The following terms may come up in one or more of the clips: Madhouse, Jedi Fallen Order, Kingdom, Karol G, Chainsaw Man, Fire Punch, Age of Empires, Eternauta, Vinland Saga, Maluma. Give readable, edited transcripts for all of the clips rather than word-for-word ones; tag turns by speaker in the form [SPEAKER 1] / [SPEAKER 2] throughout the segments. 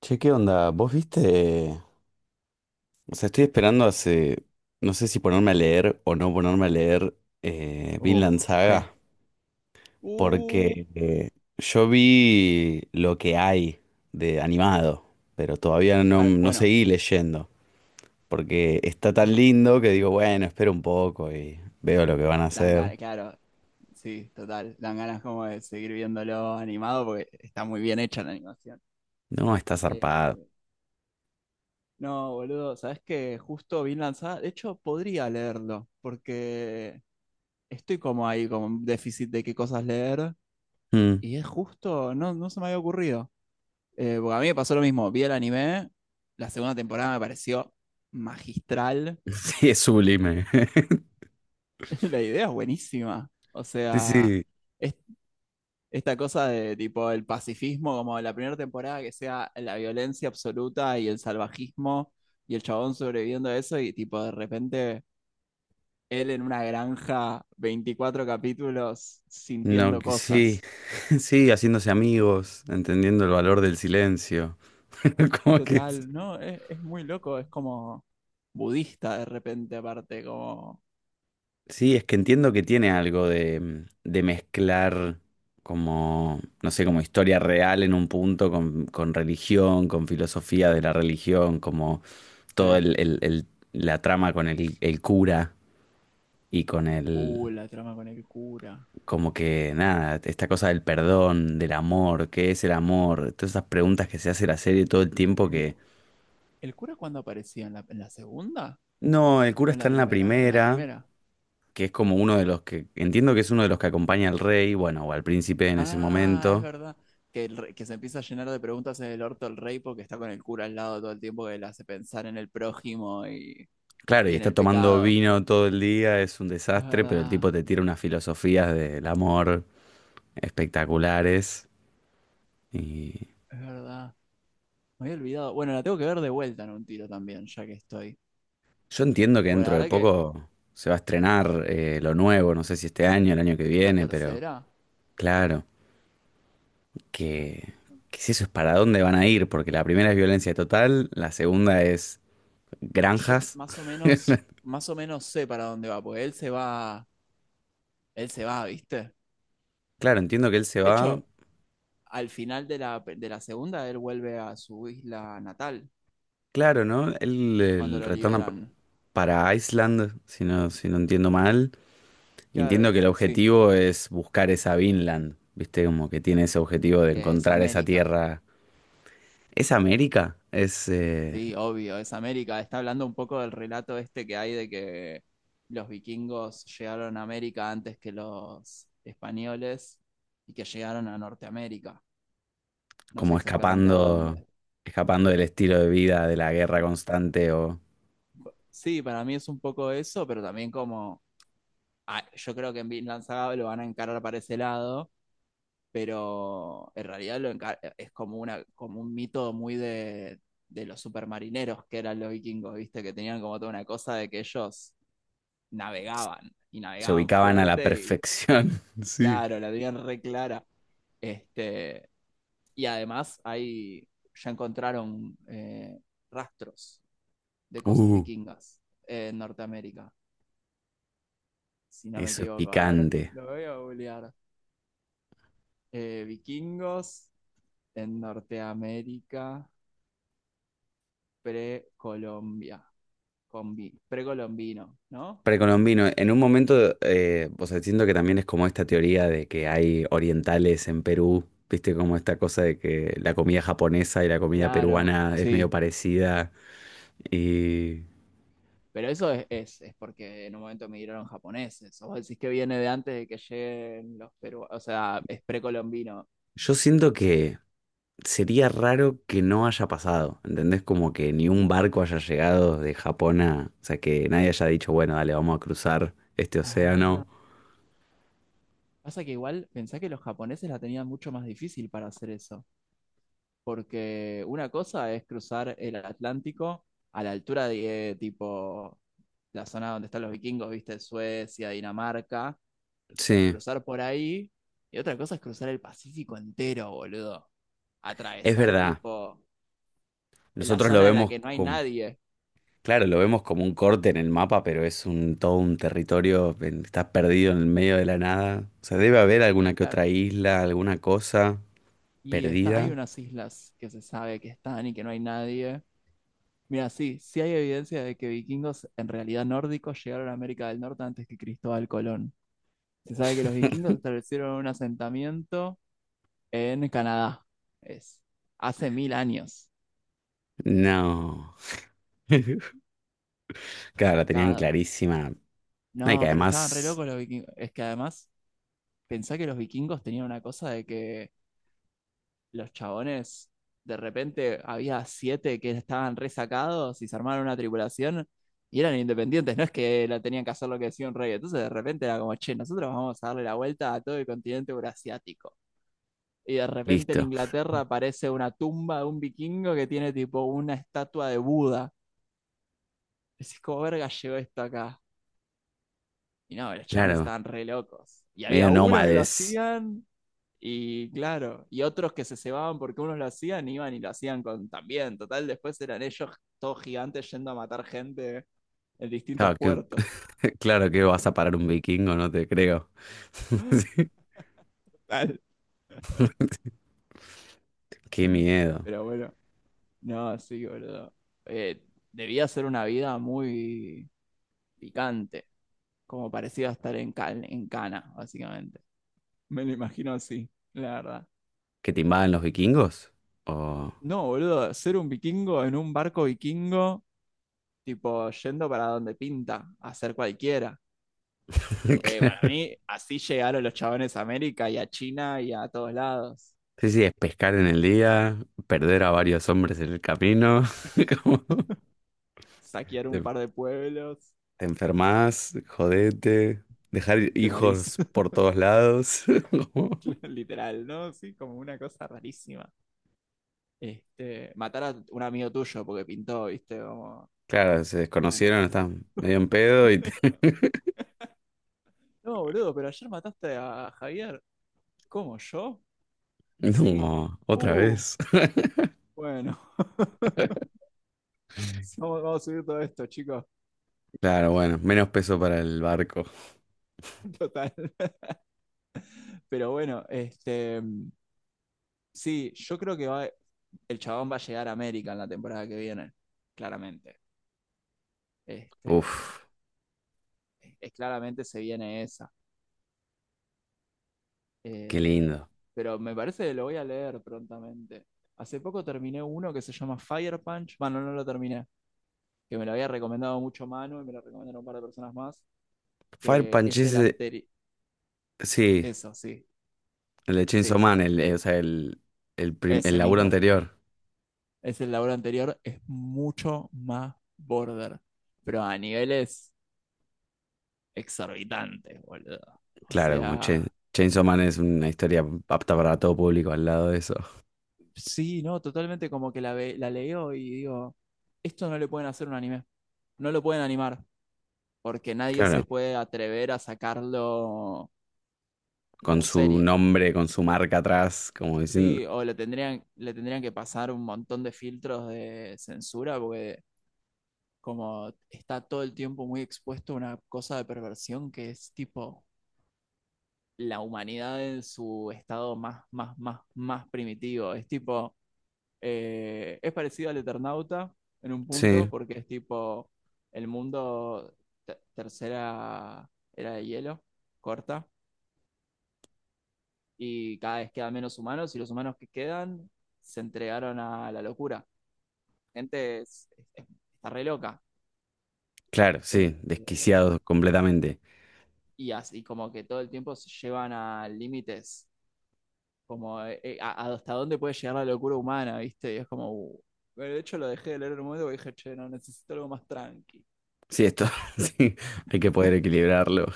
[SPEAKER 1] Che, ¿qué onda? ¿Vos viste? O sea, estoy esperando hace... No sé si ponerme a leer o no ponerme a leer
[SPEAKER 2] Uh,
[SPEAKER 1] Vinland Saga,
[SPEAKER 2] ¿Qué? Uh,
[SPEAKER 1] porque yo vi lo que hay de animado, pero todavía
[SPEAKER 2] claro,
[SPEAKER 1] no
[SPEAKER 2] bueno,
[SPEAKER 1] seguí leyendo, porque está tan lindo que digo, bueno, espero un poco y veo lo que van a
[SPEAKER 2] dan
[SPEAKER 1] hacer.
[SPEAKER 2] ganas, claro, sí, total. Dan ganas como de seguir viéndolo animado porque está muy bien hecha la animación.
[SPEAKER 1] No, está zarpado.
[SPEAKER 2] Eh, no, boludo, sabes que justo vi lanzada. De hecho, podría leerlo porque estoy como ahí, con un déficit de qué cosas leer.
[SPEAKER 1] Mm.
[SPEAKER 2] Y es justo, no, no se me había ocurrido. Porque a mí me pasó lo mismo. Vi el anime, la segunda temporada me pareció magistral.
[SPEAKER 1] Sí, es sublime.
[SPEAKER 2] La idea es buenísima. O
[SPEAKER 1] Sí,
[SPEAKER 2] sea,
[SPEAKER 1] sí.
[SPEAKER 2] es esta cosa de tipo el pacifismo, como la primera temporada que sea la violencia absoluta y el salvajismo y el chabón sobreviviendo a eso y tipo de repente él en una granja, 24 capítulos
[SPEAKER 1] No,
[SPEAKER 2] sintiendo
[SPEAKER 1] que sí,
[SPEAKER 2] cosas.
[SPEAKER 1] sí, haciéndose amigos, entendiendo el valor del silencio. Como que es-
[SPEAKER 2] Total, ¿no? Es muy loco, es como budista de repente aparte, como
[SPEAKER 1] Sí, es que entiendo que tiene algo de, de mezclar como, no sé, como historia real en un punto con religión, con filosofía de la religión, como todo
[SPEAKER 2] sí.
[SPEAKER 1] la trama con el cura y con el,
[SPEAKER 2] La trama con el cura.
[SPEAKER 1] como que nada, esta cosa del perdón, del amor, ¿qué es el amor? Todas esas preguntas que se hace la serie todo el tiempo
[SPEAKER 2] ¿El,
[SPEAKER 1] que
[SPEAKER 2] cu- el cura cuándo aparecía? ¿En la segunda
[SPEAKER 1] no, el cura
[SPEAKER 2] o en
[SPEAKER 1] está
[SPEAKER 2] la
[SPEAKER 1] en la
[SPEAKER 2] primera? En la
[SPEAKER 1] primera,
[SPEAKER 2] primera.
[SPEAKER 1] que es como uno de los que, entiendo que es uno de los que acompaña al rey, bueno, o al príncipe en ese
[SPEAKER 2] Ah, es
[SPEAKER 1] momento.
[SPEAKER 2] verdad. Que se empieza a llenar de preguntas en el orto el rey porque está con el cura al lado todo el tiempo que le hace pensar en el prójimo y,
[SPEAKER 1] Claro, y
[SPEAKER 2] y en
[SPEAKER 1] está
[SPEAKER 2] el
[SPEAKER 1] tomando
[SPEAKER 2] pecado.
[SPEAKER 1] vino todo el día, es un
[SPEAKER 2] Es
[SPEAKER 1] desastre, pero el
[SPEAKER 2] verdad,
[SPEAKER 1] tipo te tira unas filosofías del amor espectaculares. Y
[SPEAKER 2] es verdad. Me había olvidado. Bueno, la tengo que ver de vuelta en un tiro también, ya que estoy.
[SPEAKER 1] yo entiendo que
[SPEAKER 2] Bueno, la
[SPEAKER 1] dentro de
[SPEAKER 2] verdad que
[SPEAKER 1] poco se va a estrenar lo nuevo, no sé si este año, el año que
[SPEAKER 2] la
[SPEAKER 1] viene, pero
[SPEAKER 2] tercera,
[SPEAKER 1] claro,
[SPEAKER 2] ah,
[SPEAKER 1] que, que si eso es para dónde van a ir, porque la primera es violencia total, la segunda es
[SPEAKER 2] yo
[SPEAKER 1] granjas.
[SPEAKER 2] más o menos sé para dónde va, porque él se va, ¿viste?
[SPEAKER 1] Claro, entiendo que él se
[SPEAKER 2] De
[SPEAKER 1] va.
[SPEAKER 2] hecho, al final de la segunda, él vuelve a su isla natal
[SPEAKER 1] Claro, ¿no? Él,
[SPEAKER 2] cuando lo liberan.
[SPEAKER 1] para Iceland, si no, si no entiendo mal. Y
[SPEAKER 2] Claro,
[SPEAKER 1] entiendo que
[SPEAKER 2] es,
[SPEAKER 1] el
[SPEAKER 2] sí,
[SPEAKER 1] objetivo es buscar esa Vinland, ¿viste? Como que tiene ese objetivo de
[SPEAKER 2] que es
[SPEAKER 1] encontrar esa
[SPEAKER 2] América.
[SPEAKER 1] tierra. ¿Es América? Es
[SPEAKER 2] Sí, obvio, es América. Está hablando un poco del relato este que hay de que los vikingos llegaron a América antes que los españoles y que llegaron a Norteamérica. No sé
[SPEAKER 1] como
[SPEAKER 2] exactamente a dónde.
[SPEAKER 1] escapando, escapando del estilo de vida, de la guerra
[SPEAKER 2] Sí,
[SPEAKER 1] constante, o
[SPEAKER 2] sí, para mí es un poco eso, pero también como yo creo que en Vinland Saga lo van a encarar para ese lado, pero en realidad es como una como un mito muy de los supermarineros que eran los vikingos, ¿viste? Que tenían como toda una cosa de que ellos
[SPEAKER 1] s-
[SPEAKER 2] navegaban y
[SPEAKER 1] se
[SPEAKER 2] navegaban
[SPEAKER 1] ubicaban a la
[SPEAKER 2] fuerte y
[SPEAKER 1] perfección. Sí.
[SPEAKER 2] claro, la tenían re clara. Este, y además ahí ya encontraron rastros de cosas
[SPEAKER 1] Uh,
[SPEAKER 2] vikingas en Norteamérica, si no me
[SPEAKER 1] eso es
[SPEAKER 2] equivoco. A ver,
[SPEAKER 1] picante.
[SPEAKER 2] lo voy a googlear. Vikingos en Norteamérica precolombia, precolombino, ¿no? Sí.
[SPEAKER 1] Precolombino, en un momento, o sea, siento que también es como esta teoría de que hay orientales en Perú, viste, como esta cosa de que la comida japonesa y la comida
[SPEAKER 2] Claro,
[SPEAKER 1] peruana es medio
[SPEAKER 2] sí.
[SPEAKER 1] parecida. Y
[SPEAKER 2] Pero eso es porque en un momento migraron japoneses. O vos decís que viene de antes de que lleguen los peruanos. O sea, es precolombino.
[SPEAKER 1] yo siento que sería raro que no haya pasado, ¿entendés? Como que ni un barco haya llegado de Japón a, o sea, que nadie haya dicho, bueno, dale, vamos a cruzar este
[SPEAKER 2] Ah.
[SPEAKER 1] océano.
[SPEAKER 2] Pasa que igual pensá que los japoneses la tenían mucho más difícil para hacer eso. Porque una cosa es cruzar el Atlántico a la altura de tipo la zona donde están los vikingos, viste, Suecia, Dinamarca.
[SPEAKER 1] Sí,
[SPEAKER 2] Cruzar por ahí. Y otra cosa es cruzar el Pacífico entero, boludo.
[SPEAKER 1] es
[SPEAKER 2] Atravesar
[SPEAKER 1] verdad.
[SPEAKER 2] tipo la
[SPEAKER 1] Nosotros lo
[SPEAKER 2] zona en la
[SPEAKER 1] vemos
[SPEAKER 2] que no hay nadie.
[SPEAKER 1] claro, lo vemos como un corte en el mapa, pero es un todo un territorio, estás perdido en el medio de la nada. O sea, debe haber alguna que
[SPEAKER 2] Claro.
[SPEAKER 1] otra isla, alguna cosa
[SPEAKER 2] Y hay
[SPEAKER 1] perdida.
[SPEAKER 2] unas islas que se sabe que están y que no hay nadie. Mira, sí, sí hay evidencia de que vikingos en realidad nórdicos llegaron a América del Norte antes que Cristóbal Colón. Se sabe que los vikingos establecieron un asentamiento en Canadá. Es hace mil años.
[SPEAKER 1] No. Claro, la tenían
[SPEAKER 2] Sacado.
[SPEAKER 1] clarísima. Ay, que
[SPEAKER 2] No, pero estaban re
[SPEAKER 1] además,
[SPEAKER 2] locos los vikingos. Es que además, pensá que los vikingos tenían una cosa de que los chabones, de repente había siete que estaban resacados y se armaron una tripulación y eran independientes, no es que la tenían que hacer lo que decía un rey. Entonces de repente era como, che, nosotros vamos a darle la vuelta a todo el continente eurasiático. Y de repente en
[SPEAKER 1] listo.
[SPEAKER 2] Inglaterra aparece una tumba de un vikingo que tiene tipo una estatua de Buda. Y decís, ¿cómo verga llegó esto acá? Y no, los chavales
[SPEAKER 1] Claro,
[SPEAKER 2] estaban re locos. Y
[SPEAKER 1] medio
[SPEAKER 2] había uno que lo
[SPEAKER 1] nómades.
[SPEAKER 2] hacían. Y claro, y otros que se cebaban porque unos lo hacían, iban y lo hacían con también. Total, después eran ellos todos gigantes yendo a matar gente en distintos
[SPEAKER 1] Claro, que,
[SPEAKER 2] puertos.
[SPEAKER 1] claro que vas a parar un vikingo, no te creo.
[SPEAKER 2] Total.
[SPEAKER 1] Qué miedo.
[SPEAKER 2] Pero bueno, no, sí, boludo. Eh, Debía ser una vida muy picante, como parecía estar en Cana, básicamente. Me lo imagino así, la verdad.
[SPEAKER 1] ¿Que te invaden los vikingos? O...
[SPEAKER 2] No, boludo, ser un vikingo en un barco vikingo, tipo yendo para donde pinta, a hacer cualquiera. Porque para mí, así llegaron los chabones a América y a China y a todos lados.
[SPEAKER 1] Sí, sí, es pescar en el día, perder a varios hombres en el camino, como
[SPEAKER 2] Saquear un
[SPEAKER 1] te,
[SPEAKER 2] par de pueblos,
[SPEAKER 1] te enfermas, jodete, dejar
[SPEAKER 2] te morís.
[SPEAKER 1] hijos por todos lados. como-
[SPEAKER 2] Literal, ¿no? Sí, como una cosa rarísima. Matar a un amigo tuyo porque pintó, ¿viste? Como,
[SPEAKER 1] Claro, se
[SPEAKER 2] bueno.
[SPEAKER 1] desconocieron, están medio en pedo y te...
[SPEAKER 2] No, boludo, pero ayer mataste a Javier. ¿Cómo, yo? Sí.
[SPEAKER 1] No, otra
[SPEAKER 2] Uh,
[SPEAKER 1] vez.
[SPEAKER 2] bueno. Vamos, vamos a subir todo esto, chicos.
[SPEAKER 1] Claro, bueno, menos peso para el barco.
[SPEAKER 2] Total. Pero bueno, sí, yo creo que el chabón va a llegar a América en la temporada que viene, claramente. Este,
[SPEAKER 1] Uf,
[SPEAKER 2] Claramente se viene esa.
[SPEAKER 1] qué
[SPEAKER 2] Eh,
[SPEAKER 1] lindo.
[SPEAKER 2] pero me parece que lo voy a leer prontamente. Hace poco terminé uno que se llama Fire Punch. Bueno, no lo terminé, que me lo había recomendado mucho Manu y me lo recomendaron un par de personas más,
[SPEAKER 1] Fire
[SPEAKER 2] que
[SPEAKER 1] Punch
[SPEAKER 2] es el
[SPEAKER 1] ese,
[SPEAKER 2] anterior.
[SPEAKER 1] sí,
[SPEAKER 2] Eso, sí,
[SPEAKER 1] el de Chainsaw
[SPEAKER 2] sí,
[SPEAKER 1] Man, o sea, el
[SPEAKER 2] ese
[SPEAKER 1] laburo
[SPEAKER 2] mismo.
[SPEAKER 1] anterior.
[SPEAKER 2] Es el labor anterior, es mucho más border, pero a niveles exorbitantes, boludo. O
[SPEAKER 1] Claro,
[SPEAKER 2] sea,
[SPEAKER 1] Chainsaw Man es una historia apta para todo público al lado de eso.
[SPEAKER 2] sí, no, totalmente como que la leo y digo, esto no le pueden hacer un anime, no lo pueden animar, porque nadie se
[SPEAKER 1] Claro,
[SPEAKER 2] puede atrever a sacarlo
[SPEAKER 1] con
[SPEAKER 2] como
[SPEAKER 1] su
[SPEAKER 2] serie,
[SPEAKER 1] nombre, con su marca atrás, como diciendo.
[SPEAKER 2] ¿sí? O le tendrían que pasar un montón de filtros de censura, porque como está todo el tiempo muy expuesto a una cosa de perversión que es tipo la humanidad en su estado más, más, más, más primitivo, es tipo. Es parecido al Eternauta en un punto,
[SPEAKER 1] Sí,
[SPEAKER 2] porque es tipo el mundo tercera era de hielo, corta, y cada vez quedan menos humanos, y los humanos que quedan se entregaron a la locura. Gente es- es- Está re loca.
[SPEAKER 1] claro, sí,
[SPEAKER 2] Este,
[SPEAKER 1] desquiciados completamente.
[SPEAKER 2] y así como que todo el tiempo se llevan a límites, como hasta dónde puede llegar la locura humana, ¿viste? Y es como uh. Bueno, de hecho lo dejé de leer en un momento porque dije, che, no, necesito algo más tranqui.
[SPEAKER 1] Sí, esto, sí, hay que poder equilibrarlo.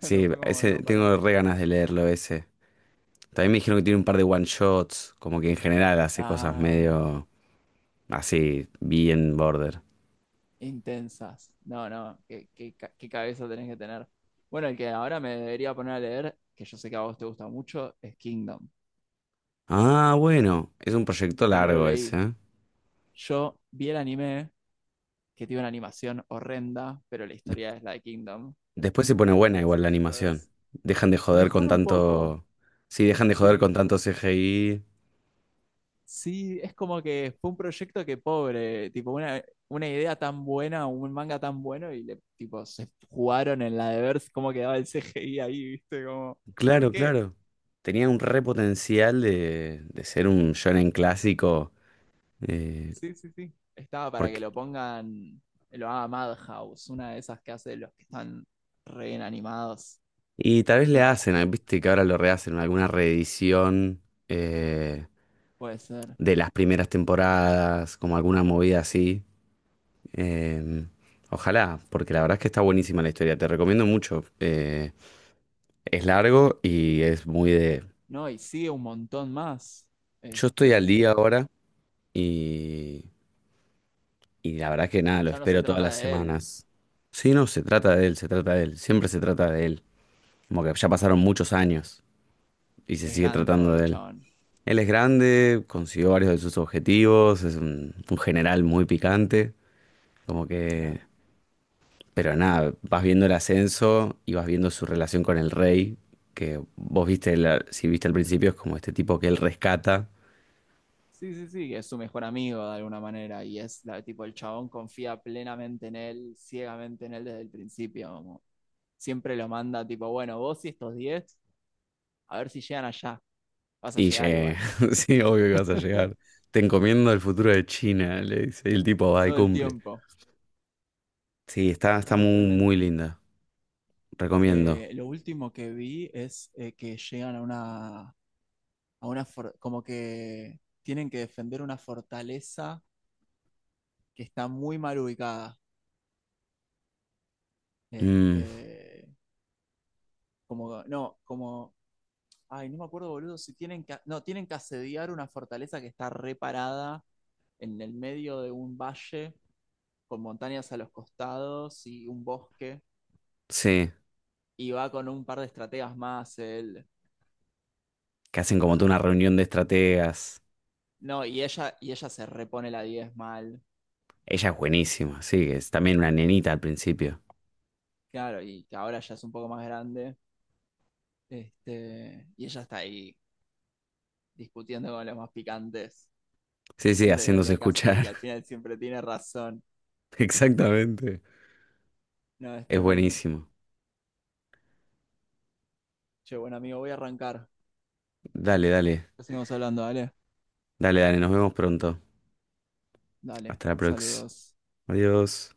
[SPEAKER 2] Claro,
[SPEAKER 1] Sí,
[SPEAKER 2] fue como,
[SPEAKER 1] ese,
[SPEAKER 2] no, para.
[SPEAKER 1] tengo re ganas de leerlo ese. También me dijeron que tiene un par de one shots, como que en general hace cosas
[SPEAKER 2] Ah,
[SPEAKER 1] medio así, bien border.
[SPEAKER 2] intensas. No, no, qué cabeza tenés que tener. Bueno, el que ahora me debería poner a leer, que yo sé que a vos te gusta mucho, es Kingdom,
[SPEAKER 1] Ah, bueno, es un proyecto
[SPEAKER 2] que no lo
[SPEAKER 1] largo ese,
[SPEAKER 2] leí.
[SPEAKER 1] ¿eh?
[SPEAKER 2] Yo vi el anime, que tiene una animación horrenda, pero la historia es la de Kingdom.
[SPEAKER 1] Después se pone buena
[SPEAKER 2] Entonces,
[SPEAKER 1] igual la
[SPEAKER 2] lo
[SPEAKER 1] animación.
[SPEAKER 2] ves.
[SPEAKER 1] Dejan de joder con
[SPEAKER 2] Mejora un poco,
[SPEAKER 1] tanto. Sí, dejan de joder con
[SPEAKER 2] sí,
[SPEAKER 1] tanto CGI.
[SPEAKER 2] sí, es como que fue un proyecto que pobre, tipo una idea tan buena, un manga tan bueno y le, tipo se jugaron en la de ver cómo quedaba el CGI ahí, ¿viste? Como, ¿por
[SPEAKER 1] Claro,
[SPEAKER 2] qué?
[SPEAKER 1] claro. Tenía un re potencial de ser un shonen clásico. eh,
[SPEAKER 2] Sí, sí, sí. Estaba para que
[SPEAKER 1] Porque...
[SPEAKER 2] lo pongan, lo haga Madhouse, una de esas que hace los que están re bien animados,
[SPEAKER 1] y tal vez le
[SPEAKER 2] bien alta.
[SPEAKER 1] hacen, ah, viste que ahora lo rehacen, alguna reedición eh,
[SPEAKER 2] Puede ser.
[SPEAKER 1] de las primeras temporadas, como alguna movida así. Em, Ojalá, porque la verdad es que está buenísima la historia. Te recomiendo mucho. Es largo y es muy de
[SPEAKER 2] No, y sigue un montón más.
[SPEAKER 1] yo estoy al día
[SPEAKER 2] Este,
[SPEAKER 1] ahora y, y la verdad que nada, lo
[SPEAKER 2] ya no se
[SPEAKER 1] espero todas
[SPEAKER 2] trata
[SPEAKER 1] las
[SPEAKER 2] de él,
[SPEAKER 1] semanas. Sí, no, se trata de él, se trata de él, siempre se trata de él. Como que ya pasaron muchos años y se
[SPEAKER 2] es
[SPEAKER 1] sigue
[SPEAKER 2] grande
[SPEAKER 1] tratando
[SPEAKER 2] ahora el
[SPEAKER 1] de él.
[SPEAKER 2] chabón.
[SPEAKER 1] Él es grande, consiguió varios de sus objetivos, es un general muy picante, como que...
[SPEAKER 2] Claro.
[SPEAKER 1] Pero nada, vas viendo el ascenso y vas viendo su relación con el rey, que vos viste, si viste al principio, es como este tipo que él rescata
[SPEAKER 2] Sí, sí, sí, que es su mejor amigo de alguna manera y es la, tipo el chabón confía plenamente en él, ciegamente en él desde el principio, como siempre lo manda tipo, bueno, vos y estos 10 a ver si llegan allá, vas a
[SPEAKER 1] y
[SPEAKER 2] llegar
[SPEAKER 1] llegué.
[SPEAKER 2] igual.
[SPEAKER 1] Sí, obvio que vas a llegar. Te encomiendo el futuro de China, le dice. Y el tipo va y
[SPEAKER 2] Todo el
[SPEAKER 1] cumple.
[SPEAKER 2] tiempo.
[SPEAKER 1] Sí, está, está
[SPEAKER 2] No, es
[SPEAKER 1] muy, muy
[SPEAKER 2] tremendo.
[SPEAKER 1] linda. Recomiendo.
[SPEAKER 2] Lo último que vi es que llegan a una, como que tienen que defender una fortaleza que está muy mal ubicada,
[SPEAKER 1] Mm,
[SPEAKER 2] este, como, no, como. Ay, no me acuerdo, boludo, si tienen que, no, tienen que asediar una fortaleza que está reparada en el medio de un valle con montañas a los costados y un bosque
[SPEAKER 1] sí,
[SPEAKER 2] y va con un par de estrategas más él.
[SPEAKER 1] que hacen como toda una reunión de estrategas.
[SPEAKER 2] No, y ella se repone la 10 mal.
[SPEAKER 1] Ella es buenísima, sí, que es también una nenita al principio.
[SPEAKER 2] Claro, y que ahora ya es un poco más grande. Y ella está ahí discutiendo con los más picantes,
[SPEAKER 1] Sí, sí,
[SPEAKER 2] diciéndoles lo que
[SPEAKER 1] haciéndose
[SPEAKER 2] hay que hacer y
[SPEAKER 1] escuchar.
[SPEAKER 2] al final siempre tiene razón.
[SPEAKER 1] Exactamente.
[SPEAKER 2] No, es
[SPEAKER 1] Es
[SPEAKER 2] tremendo.
[SPEAKER 1] buenísimo.
[SPEAKER 2] Che, bueno, amigo, voy a arrancar.
[SPEAKER 1] Dale, dale.
[SPEAKER 2] Ya seguimos hablando, dale.
[SPEAKER 1] Dale, dale. Nos vemos pronto.
[SPEAKER 2] Dale.
[SPEAKER 1] Hasta la próxima.
[SPEAKER 2] Saludos.
[SPEAKER 1] Adiós.